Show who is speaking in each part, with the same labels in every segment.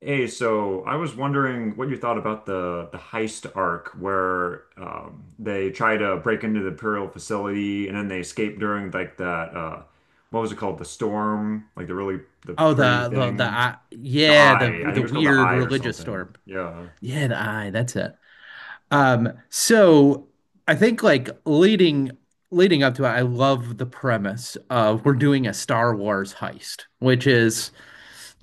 Speaker 1: Hey, so I was wondering what you thought about the heist arc where they try to break into the Imperial facility and then they escape during like that what was it called? The storm, like the really the
Speaker 2: Oh,
Speaker 1: pretty
Speaker 2: the
Speaker 1: thing,
Speaker 2: eye,
Speaker 1: the
Speaker 2: yeah, the
Speaker 1: eye. I think it
Speaker 2: the
Speaker 1: was called the
Speaker 2: weird
Speaker 1: eye or
Speaker 2: religious
Speaker 1: something.
Speaker 2: storm.
Speaker 1: Yeah.
Speaker 2: Yeah, the eye, that's it. So I think like leading up to it, I love the premise of we're doing a Star Wars heist, which is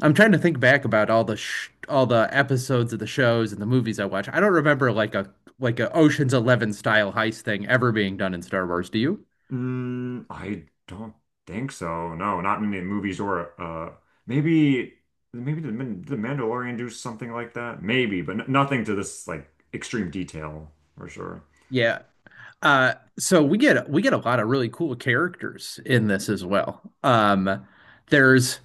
Speaker 2: I'm trying to think back about all the sh all the episodes of the shows and the movies I watch. I don't remember like a Ocean's 11 style heist thing ever being done in Star Wars, do you?
Speaker 1: Mm, I don't think so. No, not in the movies or maybe the Mandalorian do something like that. Maybe, but n nothing to this like extreme detail for sure.
Speaker 2: Yeah. Uh, so we get a lot of really cool characters in this as well. There's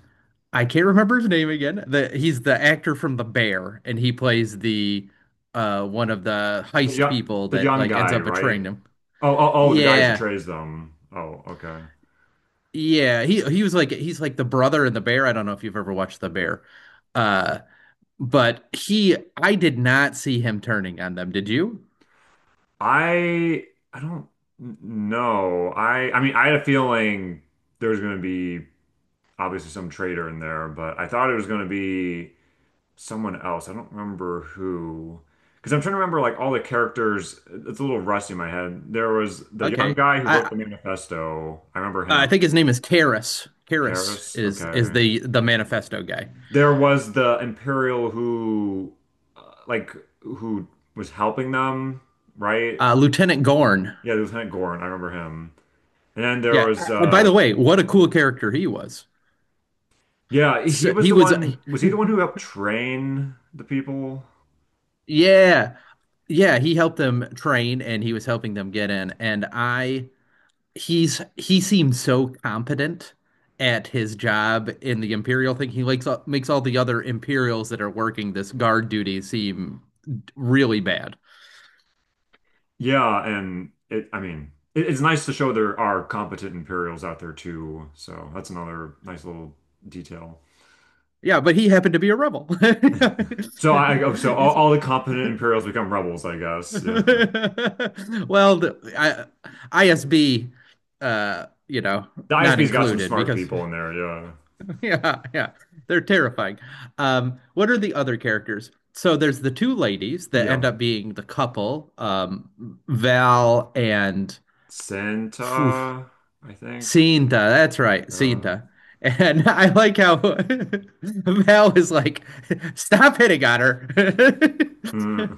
Speaker 2: I can't remember his name again. The He's the actor from The Bear, and he plays the one of the heist people
Speaker 1: The
Speaker 2: that
Speaker 1: young
Speaker 2: like ends
Speaker 1: guy,
Speaker 2: up
Speaker 1: right?
Speaker 2: betraying him.
Speaker 1: Oh, the guy who
Speaker 2: Yeah,
Speaker 1: portrays them. Oh, okay.
Speaker 2: yeah. He was like he's like the brother in The Bear. I don't know if you've ever watched The Bear, uh, but he I did not see him turning on them. Did you?
Speaker 1: I I don't know. I mean, I had a feeling there was going to be obviously some traitor in there, but I thought it was going to be someone else. I don't remember who. Because I'm trying to remember like all the characters. It's a little rusty in my head. There was the young
Speaker 2: Okay.
Speaker 1: guy who wrote
Speaker 2: I
Speaker 1: the manifesto. I remember
Speaker 2: I
Speaker 1: him.
Speaker 2: think his name is Karras. Karras
Speaker 1: Karis.
Speaker 2: is
Speaker 1: Okay.
Speaker 2: the manifesto guy.
Speaker 1: There was the Imperial who, uh, like, who was helping them, right?
Speaker 2: Lieutenant Gorn.
Speaker 1: Yeah, Lieutenant Gorn, I remember him. And then there
Speaker 2: Yeah.
Speaker 1: was,
Speaker 2: And by the way, what a cool
Speaker 1: yep.
Speaker 2: character he was.
Speaker 1: Yeah, he
Speaker 2: So
Speaker 1: was
Speaker 2: he
Speaker 1: the
Speaker 2: was,
Speaker 1: one. Was he the one who helped train the people?
Speaker 2: yeah, yeah. He helped them train, and he was helping them get in. And I he seems so competent at his job in the Imperial thing. He likes makes all the other Imperials that are working this guard duty seem really bad.
Speaker 1: Yeah, and it. I mean, it's nice to show there are competent Imperials out there too. So that's another nice little detail.
Speaker 2: Yeah, but he happened to be a rebel.
Speaker 1: So I, oh, so all the competent Imperials become rebels, I guess. Yeah,
Speaker 2: Well, ISB, you know,
Speaker 1: the
Speaker 2: not
Speaker 1: ISB's got some
Speaker 2: included
Speaker 1: smart
Speaker 2: because
Speaker 1: people in there. Yeah,
Speaker 2: yeah, yeah. They're terrifying. What are the other characters? So there's the two ladies that end
Speaker 1: yeah.
Speaker 2: up being the couple, Val and oof,
Speaker 1: Santa, I think.
Speaker 2: Cinta. That's right,
Speaker 1: Yeah.
Speaker 2: Cinta. And I like how Val is like, stop hitting on her.
Speaker 1: Mm,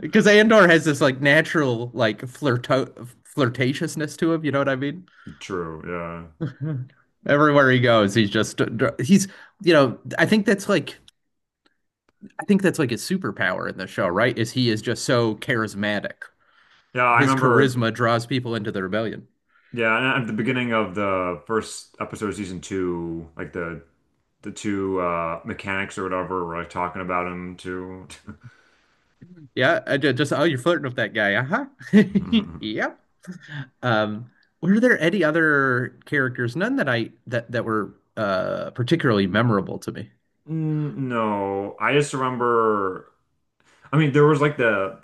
Speaker 2: Because Andor has this like natural like flirto flirtatiousness to him, you know what I mean?
Speaker 1: true. Yeah.
Speaker 2: Everywhere he goes, he's just he's you know, I think that's like I think that's like his superpower in the show, right? Is he is just so charismatic.
Speaker 1: Yeah, I
Speaker 2: His
Speaker 1: remember.
Speaker 2: charisma draws people into the rebellion.
Speaker 1: Yeah, and at the beginning of the first episode of season two, like the two mechanics or whatever were like talking about him too.
Speaker 2: Yeah, I just oh, you're flirting with that guy. Uh-huh. Yep. Um, were there any other characters? None that I that were particularly memorable to me.
Speaker 1: Mm, no, I just remember. I mean, there was like the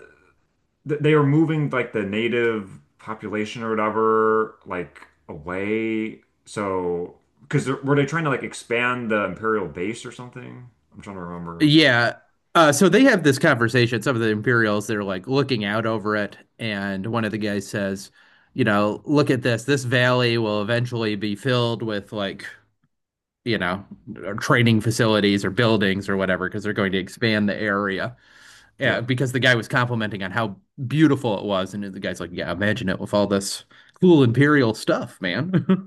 Speaker 1: th- they are moving like the native population or whatever like away. So, because were they trying to like expand the imperial base or something? I'm trying to remember.
Speaker 2: Yeah. So they have this conversation. Some of the Imperials, they're like looking out over it. And one of the guys says, you know, look at this. This valley will eventually be filled with like, you know, training facilities or buildings or whatever, because they're going to expand the area. Yeah,
Speaker 1: Yeah,
Speaker 2: because the guy was complimenting on how beautiful it was. And the guy's like, yeah, imagine it with all this cool Imperial stuff, man.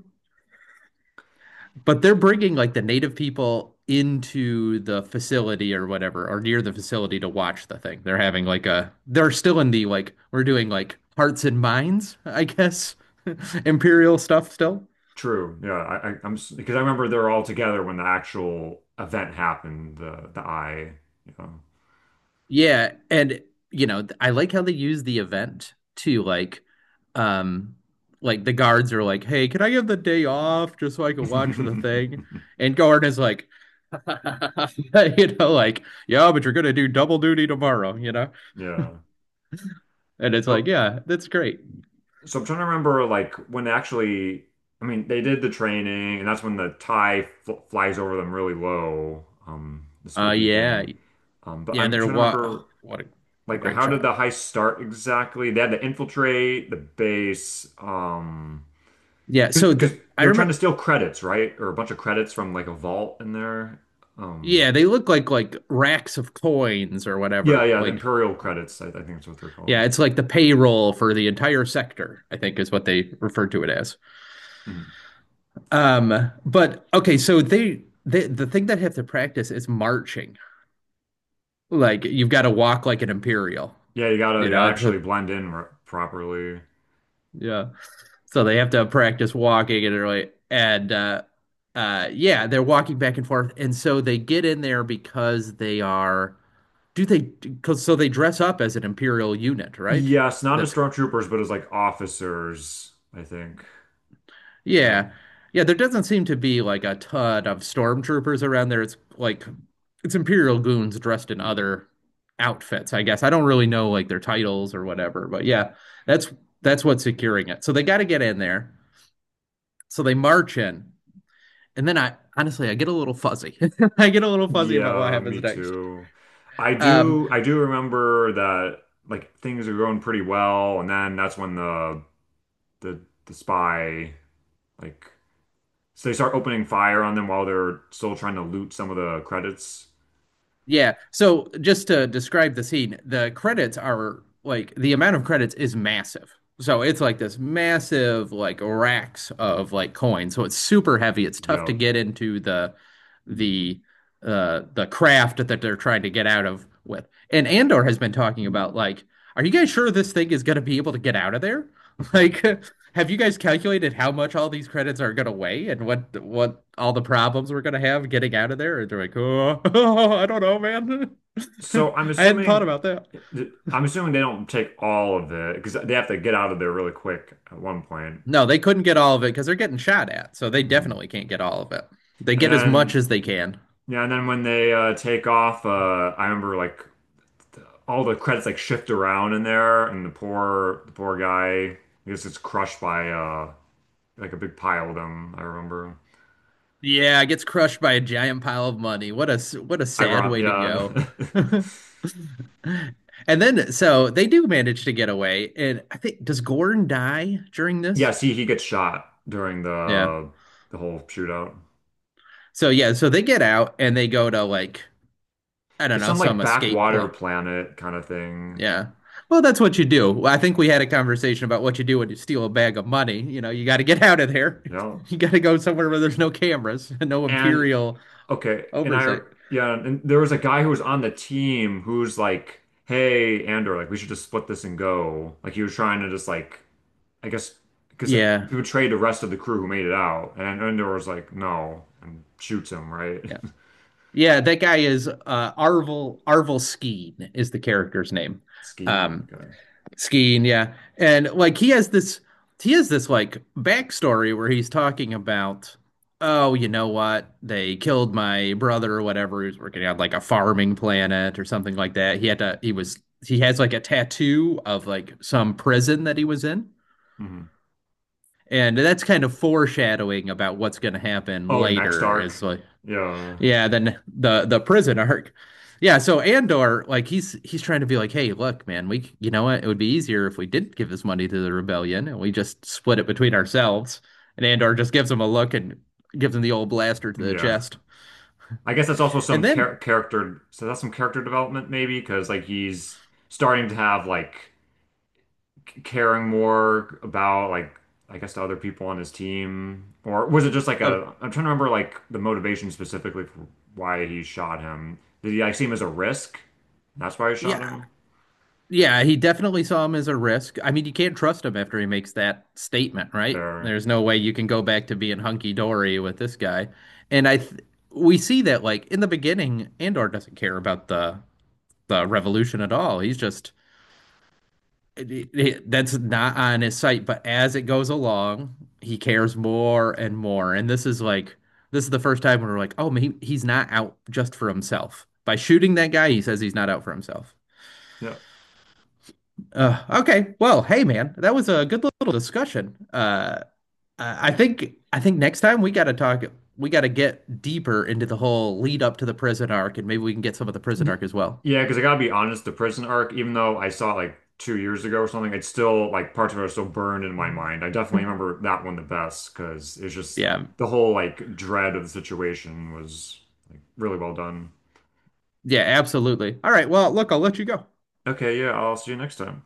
Speaker 2: But they're bringing like the native people into the facility or whatever, or near the facility to watch the thing. They're having like they're still in the like, we're doing like hearts and minds, I guess, imperial stuff still.
Speaker 1: true. Yeah, I'm because I remember they're all together when the actual event happened. The eye. Yeah.
Speaker 2: Yeah. And, you know, I like how they use the event to um, like the guards are like, "Hey, can I get the day off just so I can watch the thing?" And Gordon is like, you know, like, "Yeah, but you're gonna do double duty tomorrow," you know.
Speaker 1: Yeah.
Speaker 2: And it's like,
Speaker 1: So
Speaker 2: "Yeah, that's great."
Speaker 1: So I'm trying to remember like when actually, I mean, they did the training, and that's when the tie fl flies over them really low, the spooky
Speaker 2: Yeah,
Speaker 1: thing. But
Speaker 2: yeah.
Speaker 1: I'm
Speaker 2: They're
Speaker 1: trying to
Speaker 2: what?
Speaker 1: remember
Speaker 2: What a
Speaker 1: like
Speaker 2: great
Speaker 1: how did
Speaker 2: shot.
Speaker 1: the heist start exactly? They had to infiltrate the base,
Speaker 2: Yeah. So
Speaker 1: because
Speaker 2: I
Speaker 1: they were trying to
Speaker 2: remember.
Speaker 1: steal credits, right? Or a bunch of credits from like a vault in there. Um,
Speaker 2: Yeah, they look like racks of coins or
Speaker 1: yeah,
Speaker 2: whatever.
Speaker 1: yeah, the
Speaker 2: Like,
Speaker 1: Imperial credits, I think that's what they're called.
Speaker 2: yeah, it's like the payroll for the entire sector. I think is what they refer to it as.
Speaker 1: Mhm.
Speaker 2: But okay, so they the thing that have to practice is marching. Like you've got to walk like an imperial.
Speaker 1: Yeah, you gotta
Speaker 2: You
Speaker 1: you
Speaker 2: know,
Speaker 1: gotta
Speaker 2: it's a
Speaker 1: actually blend in r properly.
Speaker 2: yeah. So they have to practice walking and really, and uh yeah, they're walking back and forth and so they get in there because they are do they cuz so they dress up as an imperial unit, right?
Speaker 1: Yes, not as
Speaker 2: That's
Speaker 1: stormtroopers, but as like officers, I think. Yeah.
Speaker 2: yeah. Yeah, there doesn't seem to be like a ton of stormtroopers around there. It's like it's Imperial goons dressed in other outfits, I guess. I don't really know like their titles or whatever, but yeah, that's that's what's securing it. So they got to get in there. So they march in. And then I honestly I get a little fuzzy. I get a little fuzzy about what
Speaker 1: Yeah,
Speaker 2: happens
Speaker 1: me
Speaker 2: next.
Speaker 1: too.
Speaker 2: Um,
Speaker 1: I do remember that like things are going pretty well, and then that's when the the spy like so they start opening fire on them while they're still trying to loot some of the credits.
Speaker 2: yeah. So just to describe the scene, the credits are like the amount of credits is massive. So it's like this massive like racks of like coins. So it's super heavy. It's tough to
Speaker 1: Yep.
Speaker 2: get into the the craft that they're trying to get out of with. And Andor has been talking about like, are you guys sure this thing is going to be able to get out of there? Like have you guys calculated how much all these credits are gonna weigh and what all the problems we're gonna have getting out of there? Or they're like, oh, I don't know, man.
Speaker 1: So I'm
Speaker 2: I hadn't thought
Speaker 1: assuming
Speaker 2: about that.
Speaker 1: I'm assuming they don't take all of it because they have to get out of there really quick at one point.
Speaker 2: No, they couldn't get all of it because they're getting shot at, so they
Speaker 1: Hmm.
Speaker 2: definitely can't get all of it. They
Speaker 1: And
Speaker 2: get as much
Speaker 1: then
Speaker 2: as they can.
Speaker 1: yeah, and then when they take off, I remember like all the credits like shift around in there, and the poor guy I guess gets crushed by like a big pile of them. I remember.
Speaker 2: Yeah, it gets crushed by a giant pile of money. What a sad
Speaker 1: Iron,
Speaker 2: way to
Speaker 1: yeah.
Speaker 2: go. And then so they do manage to get away, and I think does Gordon die during this?
Speaker 1: Yes, he gets shot during
Speaker 2: Yeah.
Speaker 1: the whole shootout.
Speaker 2: So yeah, so they get out and they go to like I don't
Speaker 1: It's
Speaker 2: know,
Speaker 1: some
Speaker 2: some
Speaker 1: like
Speaker 2: escape
Speaker 1: backwater
Speaker 2: plan.
Speaker 1: planet kind of thing.
Speaker 2: Yeah. Well, that's what you do. Well, I think we had a conversation about what you do when you steal a bag of money. You know, you got to get out of there.
Speaker 1: Yep.
Speaker 2: You got to go somewhere where there's no cameras and no
Speaker 1: And
Speaker 2: imperial
Speaker 1: okay, and I
Speaker 2: oversight.
Speaker 1: yeah, and there was a guy who was on the team who's like, "Hey, Andor, like we should just split this and go." Like he was trying to just like, I guess, because
Speaker 2: Yeah.
Speaker 1: he would trade the rest of the crew who made it out, and Andor was like, "No," and shoots him right.
Speaker 2: Yeah. Yeah, that guy is Arvel Skeen is the character's name.
Speaker 1: Skiing.
Speaker 2: Um,
Speaker 1: Okay.
Speaker 2: Skiing, yeah. And like he has this like backstory where he's talking about, oh, you know what? They killed my brother or whatever. He was working on like a farming planet or something like that. He had to he was he has like a tattoo of like some prison that he was in.
Speaker 1: Hmm.
Speaker 2: And that's kind of foreshadowing about what's going to happen
Speaker 1: Oh, the next
Speaker 2: later
Speaker 1: arc.
Speaker 2: is like
Speaker 1: Yeah,
Speaker 2: yeah, then the prison arc. Yeah, so Andor, like he's trying to be like, hey, look, man, we you know what? It would be easier if we did not give this money to the rebellion and we just split it between ourselves. And Andor just gives him a look and gives him the old blaster to the
Speaker 1: yeah.
Speaker 2: chest.
Speaker 1: I guess that's also
Speaker 2: And
Speaker 1: some
Speaker 2: then,
Speaker 1: character. So that's some character development maybe, because like he's starting to have like caring more about like I guess to other people on his team, or was it just like
Speaker 2: uh,
Speaker 1: a I'm trying to remember like the motivation specifically for why he shot him. Did he like see him as a risk? That's why he shot
Speaker 2: yeah,
Speaker 1: him.
Speaker 2: yeah, he definitely saw him as a risk. I mean, you can't trust him after he makes that statement, right?
Speaker 1: Or
Speaker 2: There's no way you can go back to being hunky dory with this guy. And we see that like in the beginning, Andor doesn't care about the revolution at all. He's just that's not on his site, but as it goes along, he cares more and more. And this is like this is the first time when we're like, oh, he's not out just for himself. By shooting that guy, he says he's not out for himself.
Speaker 1: yeah,
Speaker 2: Okay, well, hey man, that was a good little discussion. I think next time we got to talk. We got to get deeper into the whole lead up to the prison arc, and maybe we can get some of the prison
Speaker 1: Y-
Speaker 2: arc as well.
Speaker 1: yeah. Because I gotta be honest, the prison arc, even though I saw it like 2 years ago or something, it's still like parts of it are still burned in my mind. I definitely remember that one the best because it's just
Speaker 2: Yeah.
Speaker 1: the whole like dread of the situation was like really well done.
Speaker 2: Yeah, absolutely. All right. Well, look, I'll let you go.
Speaker 1: Okay, yeah, I'll see you next time.